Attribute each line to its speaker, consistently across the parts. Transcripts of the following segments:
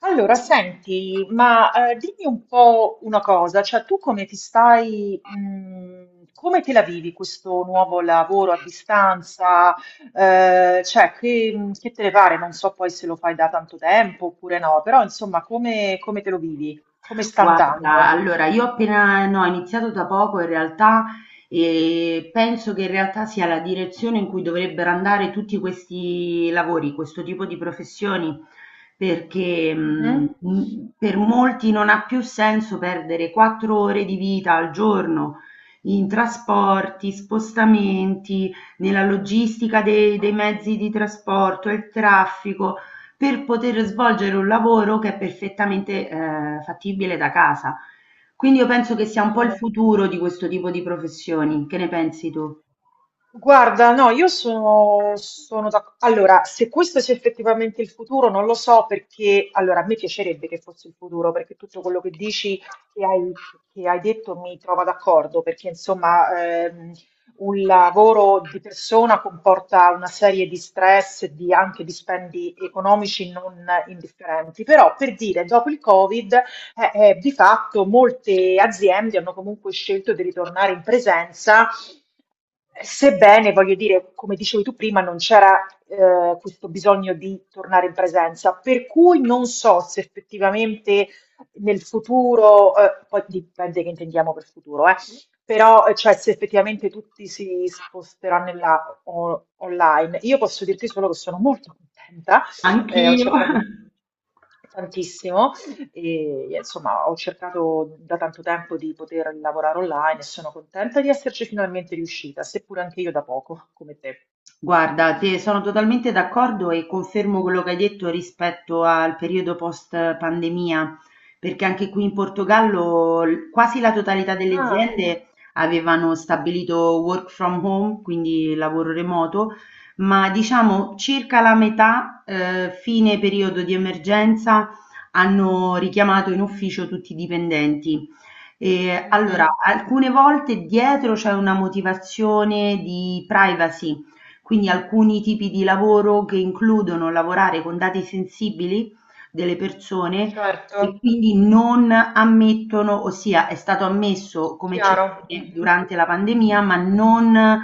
Speaker 1: Allora, senti, ma dimmi un po' una cosa, cioè tu come ti stai, come te la vivi questo nuovo lavoro a distanza? Cioè, che te ne pare? Non so poi se lo fai da tanto tempo oppure no, però insomma, come te lo vivi? Come sta
Speaker 2: Guarda,
Speaker 1: andando?
Speaker 2: allora io appena no, ho iniziato da poco in realtà e penso che in realtà sia la direzione in cui dovrebbero andare tutti questi lavori, questo tipo di professioni, perché
Speaker 1: Mhm.
Speaker 2: per molti non ha più senso perdere 4 ore di vita al giorno in trasporti, spostamenti, nella logistica dei mezzi di trasporto, il traffico per poter svolgere un lavoro che è perfettamente, fattibile da casa. Quindi io penso che sia un po' il
Speaker 1: Sono-
Speaker 2: futuro di questo tipo di professioni. Che ne pensi tu?
Speaker 1: Guarda, no, io sono d'accordo. Allora, se questo sia effettivamente il futuro, non lo so perché, allora, a me piacerebbe che fosse il futuro, perché tutto quello che dici, che hai, che hai detto, mi trova d'accordo, perché insomma, un lavoro di persona comporta una serie di stress, e di anche di spendi economici non indifferenti, però per dire, dopo il Covid di fatto molte aziende hanno comunque scelto di ritornare in presenza, sebbene, voglio dire, come dicevi tu prima, non c'era questo bisogno di tornare in presenza, per cui non so se effettivamente nel futuro, poi dipende che intendiamo per futuro, però cioè, se effettivamente tutti si sposteranno in là, online, io posso dirti solo che sono molto contenta, ho
Speaker 2: Anch'io.
Speaker 1: cercato tantissimo e insomma, ho cercato da tanto tempo di poter lavorare online e sono contenta di esserci finalmente riuscita, seppur anche io da poco, come te.
Speaker 2: Guarda, te sono totalmente d'accordo e confermo quello che hai detto rispetto al periodo post pandemia, perché anche qui in Portogallo quasi la totalità delle
Speaker 1: Ah,
Speaker 2: aziende avevano stabilito work from home, quindi lavoro remoto, ma diciamo circa la metà, fine periodo di emergenza, hanno richiamato in ufficio tutti i dipendenti. Allora,
Speaker 1: mhm,
Speaker 2: alcune volte dietro c'è una motivazione di privacy, quindi alcuni tipi di lavoro che includono lavorare con dati sensibili delle persone e
Speaker 1: certo,
Speaker 2: quindi non ammettono, ossia è stato ammesso come
Speaker 1: chiaro.
Speaker 2: eccezione
Speaker 1: Mhm.
Speaker 2: durante la pandemia, ma non,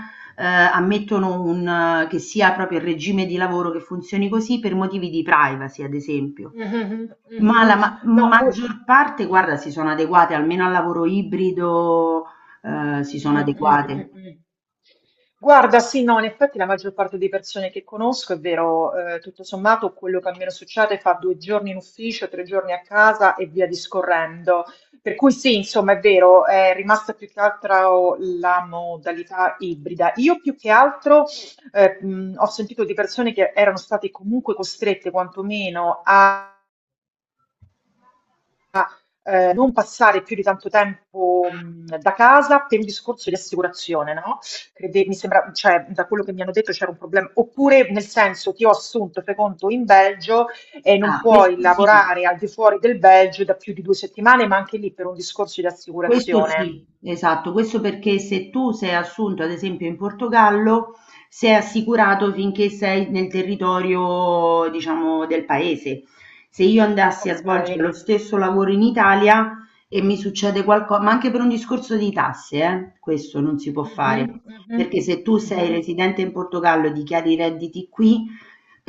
Speaker 2: ammettono un che sia proprio il regime di lavoro che funzioni così per motivi di privacy, ad esempio.
Speaker 1: Mhm, mhm,
Speaker 2: Ma la
Speaker 1: mhm.
Speaker 2: ma
Speaker 1: No, poi.
Speaker 2: maggior parte, guarda, si sono adeguate, almeno al lavoro ibrido, si sono
Speaker 1: Mm, mm,
Speaker 2: adeguate.
Speaker 1: mm, mm. Guarda, sì, no, in effetti la maggior parte di persone che conosco, è vero, tutto sommato quello che a me non succede fa due giorni in ufficio, tre giorni a casa e via discorrendo. Per cui sì, insomma, è vero, è rimasta più che altro la modalità ibrida. Io più che altro ho sentito di persone che erano state comunque costrette quantomeno a non passare più di tanto tempo, da casa per un discorso di assicurazione, no, crede mi sembra cioè, da quello che mi hanno detto c'era un problem oppure nel senso ti ho assunto, fai conto, in Belgio e non
Speaker 2: Ah, questo
Speaker 1: puoi
Speaker 2: sì.
Speaker 1: lavorare al di fuori del Belgio da più di 2 settimane, ma anche lì per un discorso di
Speaker 2: Questo
Speaker 1: assicurazione.
Speaker 2: sì, esatto, questo perché se tu sei assunto, ad esempio in Portogallo, sei assicurato finché sei nel territorio, diciamo, del paese. Se io andassi a svolgere lo
Speaker 1: Okay.
Speaker 2: stesso lavoro in Italia e mi succede qualcosa, ma anche per un discorso di tasse, questo non si può
Speaker 1: Mh-mh,
Speaker 2: fare,
Speaker 1: mh-mh,
Speaker 2: perché se tu sei
Speaker 1: mh-mh.
Speaker 2: residente in Portogallo e dichiari i redditi qui,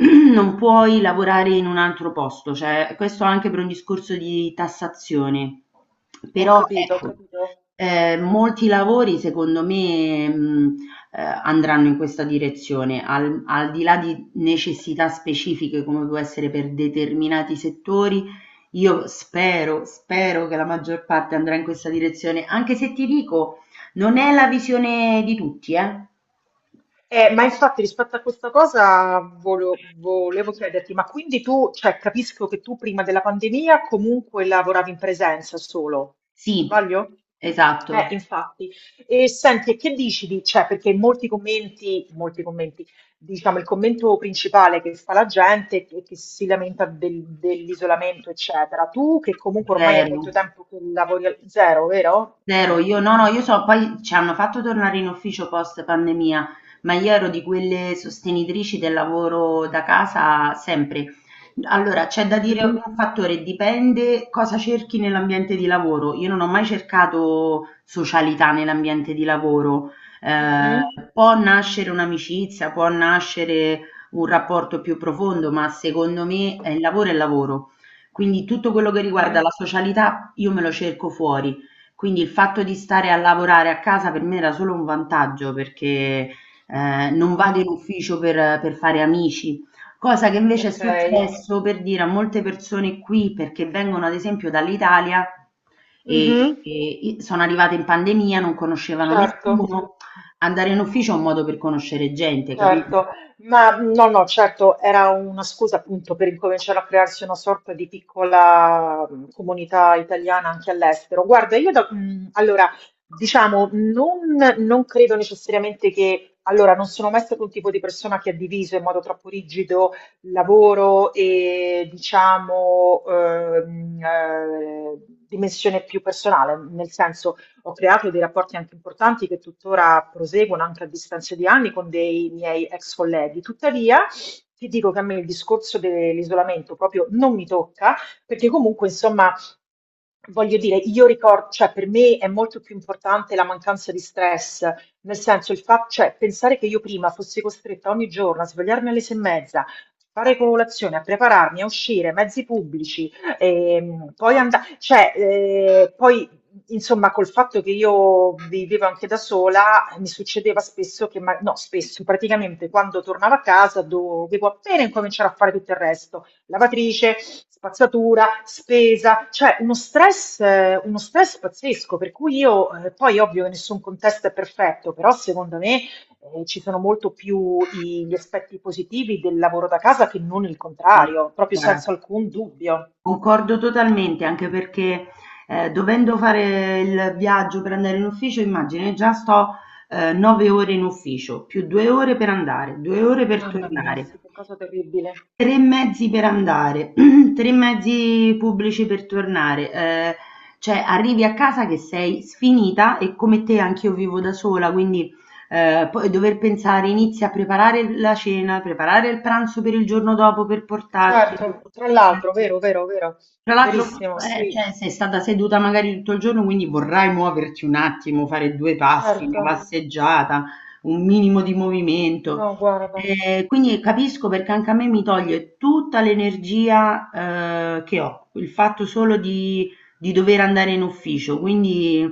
Speaker 2: non puoi lavorare in un altro posto, cioè questo anche per un discorso di tassazione.
Speaker 1: Ho
Speaker 2: Però
Speaker 1: capito, ho
Speaker 2: ecco,
Speaker 1: capito.
Speaker 2: molti lavori secondo me, andranno in questa direzione, al di là di necessità specifiche come può essere per determinati settori, io spero, spero che la maggior parte andrà in questa direzione, anche se ti dico, non è la visione di tutti, eh.
Speaker 1: Ma infatti rispetto a questa cosa volevo chiederti, ma quindi tu, cioè, capisco che tu prima della pandemia comunque lavoravi in presenza solo,
Speaker 2: Sì,
Speaker 1: sbaglio?
Speaker 2: esatto,
Speaker 1: Infatti. E senti, e che dici di, cioè, perché molti commenti, diciamo, il commento principale che fa la gente è che si lamenta dell'isolamento, eccetera. Tu, che comunque ormai è molto
Speaker 2: vero.
Speaker 1: tempo che lavori al zero, vero?
Speaker 2: Zero, io no, no, io
Speaker 1: Mhm,
Speaker 2: so poi ci hanno fatto tornare in ufficio post pandemia, ma io ero di quelle sostenitrici del lavoro da casa sempre. Allora, c'è da dire
Speaker 1: mhm,
Speaker 2: un fattore, dipende cosa cerchi nell'ambiente di lavoro. Io non ho mai cercato socialità nell'ambiente di lavoro.
Speaker 1: mhm,
Speaker 2: Può nascere un'amicizia, può nascere un rapporto più profondo, ma secondo me il lavoro è lavoro. Quindi tutto quello che riguarda
Speaker 1: mhm.
Speaker 2: la socialità io me lo cerco fuori. Quindi il fatto di stare a lavorare a casa per me era solo un vantaggio perché, non vado
Speaker 1: Mhm.
Speaker 2: in ufficio per fare amici, cosa che invece è
Speaker 1: Ok.
Speaker 2: successo, per dire, a molte persone qui, perché vengono ad esempio dall'Italia e
Speaker 1: Mhm.
Speaker 2: e i sono arrivate in pandemia, non conoscevano
Speaker 1: Certo.
Speaker 2: nessuno. Andare in ufficio è un modo per conoscere gente, capito?
Speaker 1: Certo, ma no, no, certo, era una scusa appunto per incominciare a crearsi una sorta di piccola comunità italiana anche all'estero. Guarda, io allora, diciamo, non credo necessariamente che, allora, non sono mai stato un tipo di persona che ha diviso in modo troppo rigido lavoro e, diciamo, dimensione più personale, nel senso ho creato dei rapporti anche importanti che tuttora proseguono anche a distanza di anni con dei miei ex colleghi. Tuttavia, ti dico che a me il discorso dell'isolamento proprio non mi tocca, perché comunque, insomma, voglio dire, io ricordo, cioè per me è molto più importante la mancanza di stress, nel senso il fatto, cioè pensare che io prima fossi costretta ogni giorno a svegliarmi alle sei e mezza, fare colazione, a prepararmi, a uscire, mezzi pubblici, poi andare, cioè, poi. Insomma, col fatto che io vivevo anche da sola, mi succedeva spesso che, no, spesso, praticamente quando tornavo a casa dovevo appena incominciare a fare tutto il resto, lavatrice, spazzatura, spesa, cioè uno stress pazzesco, per cui io, poi ovvio che nessun contesto è perfetto, però secondo me, ci sono molto più gli aspetti positivi del lavoro da casa che non il
Speaker 2: Ah,
Speaker 1: contrario, proprio
Speaker 2: guarda,
Speaker 1: senza alcun dubbio.
Speaker 2: concordo totalmente, anche perché dovendo fare il viaggio per andare in ufficio, immagini, già sto 9 ore in ufficio, più 2 ore per andare, 2 ore per
Speaker 1: Mamma mia, sì,
Speaker 2: tornare,
Speaker 1: che cosa terribile.
Speaker 2: tre mezzi per andare, tre mezzi pubblici per tornare. Cioè arrivi a casa che sei sfinita e come te anch'io vivo da sola, quindi poi dover pensare, inizi a preparare la cena, preparare il pranzo per il giorno dopo per portarti.
Speaker 1: Certo, tra l'altro, vero, vero, vero,
Speaker 2: Tra l'altro,
Speaker 1: verissimo, sì,
Speaker 2: cioè, sei stata seduta magari tutto il giorno, quindi vorrai muoverti un attimo, fare due passi,
Speaker 1: certo,
Speaker 2: una passeggiata, un minimo di movimento.
Speaker 1: no, guarda,
Speaker 2: Quindi capisco perché anche a me mi toglie tutta l'energia, che ho, il fatto solo di dover andare in ufficio. Quindi,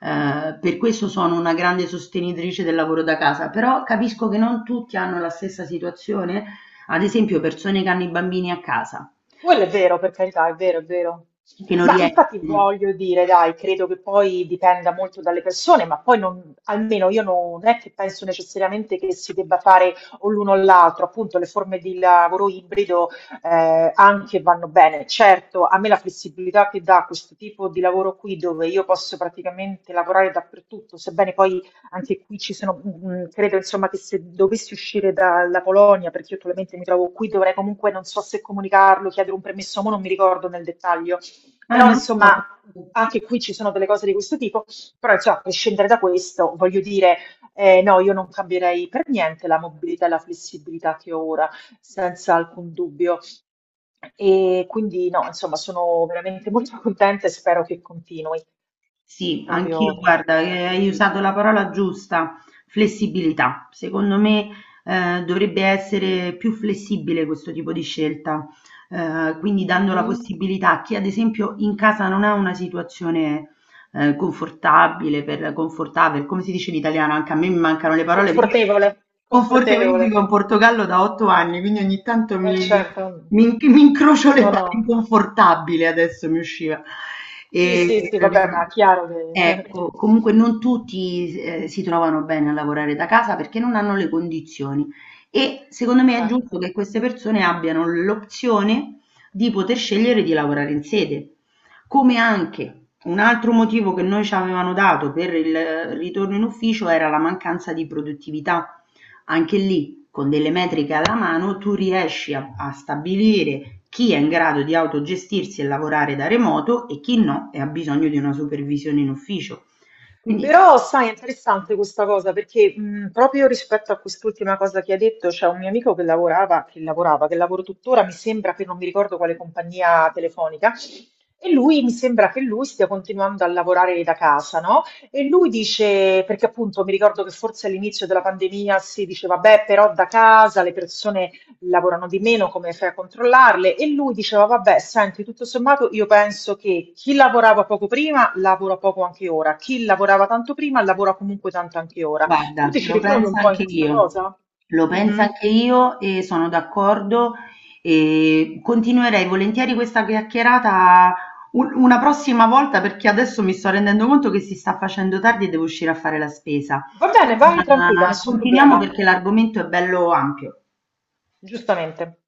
Speaker 2: per questo sono una grande sostenitrice del lavoro da casa, però capisco che non tutti hanno la stessa situazione, ad esempio persone che hanno i bambini a casa,
Speaker 1: quello è vero, per carità, è vero, è vero.
Speaker 2: che non
Speaker 1: Ma infatti
Speaker 2: riescono.
Speaker 1: voglio dire, dai, credo che poi dipenda molto dalle persone, ma poi non, almeno io non è che penso necessariamente che si debba fare o l'uno o l'altro, appunto le forme di lavoro ibrido anche vanno bene. Certo, a me la flessibilità che dà questo tipo di lavoro qui, dove io posso praticamente lavorare dappertutto, sebbene poi. Anche qui ci sono, credo insomma che se dovessi uscire dalla Polonia, perché io attualmente mi trovo qui, dovrei comunque, non so se comunicarlo, chiedere un permesso, mo non mi ricordo nel dettaglio.
Speaker 2: Ah,
Speaker 1: Però
Speaker 2: non
Speaker 1: insomma,
Speaker 2: lo so.
Speaker 1: anche qui ci sono delle cose di questo tipo, però insomma, a prescindere da questo, voglio dire, no, io non cambierei per niente la mobilità e la flessibilità che ho ora, senza alcun dubbio. E quindi no, insomma, sono veramente molto contenta e spero che continui,
Speaker 2: Sì, anch'io,
Speaker 1: proprio
Speaker 2: guarda,
Speaker 1: tranquillamente, lo
Speaker 2: hai usato
Speaker 1: dico.
Speaker 2: la parola giusta, flessibilità. Secondo me, dovrebbe essere più flessibile questo tipo di scelta, quindi dando la
Speaker 1: Mh-mh.
Speaker 2: possibilità a chi, ad esempio, in casa non ha una situazione confortabile, per confortable, come si dice in italiano? Anche a me mi mancano le parole, perché
Speaker 1: Confortevole,
Speaker 2: io confortevole, io
Speaker 1: confortevole,
Speaker 2: vivo in Portogallo da 8 anni, quindi ogni tanto
Speaker 1: eh
Speaker 2: mi,
Speaker 1: certo.
Speaker 2: mi in- mi incrocio le
Speaker 1: No,
Speaker 2: parole,
Speaker 1: no.
Speaker 2: inconfortabile adesso mi usciva.
Speaker 1: Sì,
Speaker 2: E,
Speaker 1: sì, sì, vabbè, ma è chiaro che...
Speaker 2: Ecco, comunque non tutti si trovano bene a lavorare da casa perché non hanno le condizioni e secondo me è giusto
Speaker 1: Certo.
Speaker 2: che queste persone abbiano l'opzione di poter scegliere di lavorare in sede. Come anche un altro motivo che noi ci avevano dato per il ritorno in ufficio era la mancanza di produttività. Anche lì, con delle metriche alla mano, tu riesci a, a stabilire chi è in grado di autogestirsi e lavorare da remoto e chi no e ha bisogno di una supervisione in ufficio. Quindi
Speaker 1: Però, sai, è interessante questa cosa perché proprio rispetto a quest'ultima cosa che hai detto, c'è un mio amico che lavorava, che lavora tuttora, mi sembra che non mi ricordo quale compagnia telefonica, e lui mi sembra che lui stia continuando a lavorare da casa, no? E lui dice, perché appunto mi ricordo che forse all'inizio della pandemia si diceva, beh, però da casa le persone lavorano di meno, come fai a controllarle? E lui diceva, vabbè, senti, tutto sommato io penso che chi lavorava poco prima lavora poco anche ora, chi lavorava tanto prima lavora comunque tanto anche ora. Tu
Speaker 2: guarda,
Speaker 1: ti ci
Speaker 2: lo
Speaker 1: ritrovi
Speaker 2: penso
Speaker 1: un po' in
Speaker 2: anche
Speaker 1: questa
Speaker 2: io,
Speaker 1: cosa?
Speaker 2: lo penso
Speaker 1: Mhm.
Speaker 2: anche io e sono d'accordo e continuerei volentieri questa chiacchierata una prossima volta perché adesso mi sto rendendo conto che si sta facendo tardi e devo uscire a fare la spesa.
Speaker 1: Va bene, vai tranquilla,
Speaker 2: Ma
Speaker 1: nessun
Speaker 2: continuiamo
Speaker 1: problema,
Speaker 2: perché l'argomento è bello ampio.
Speaker 1: giustamente.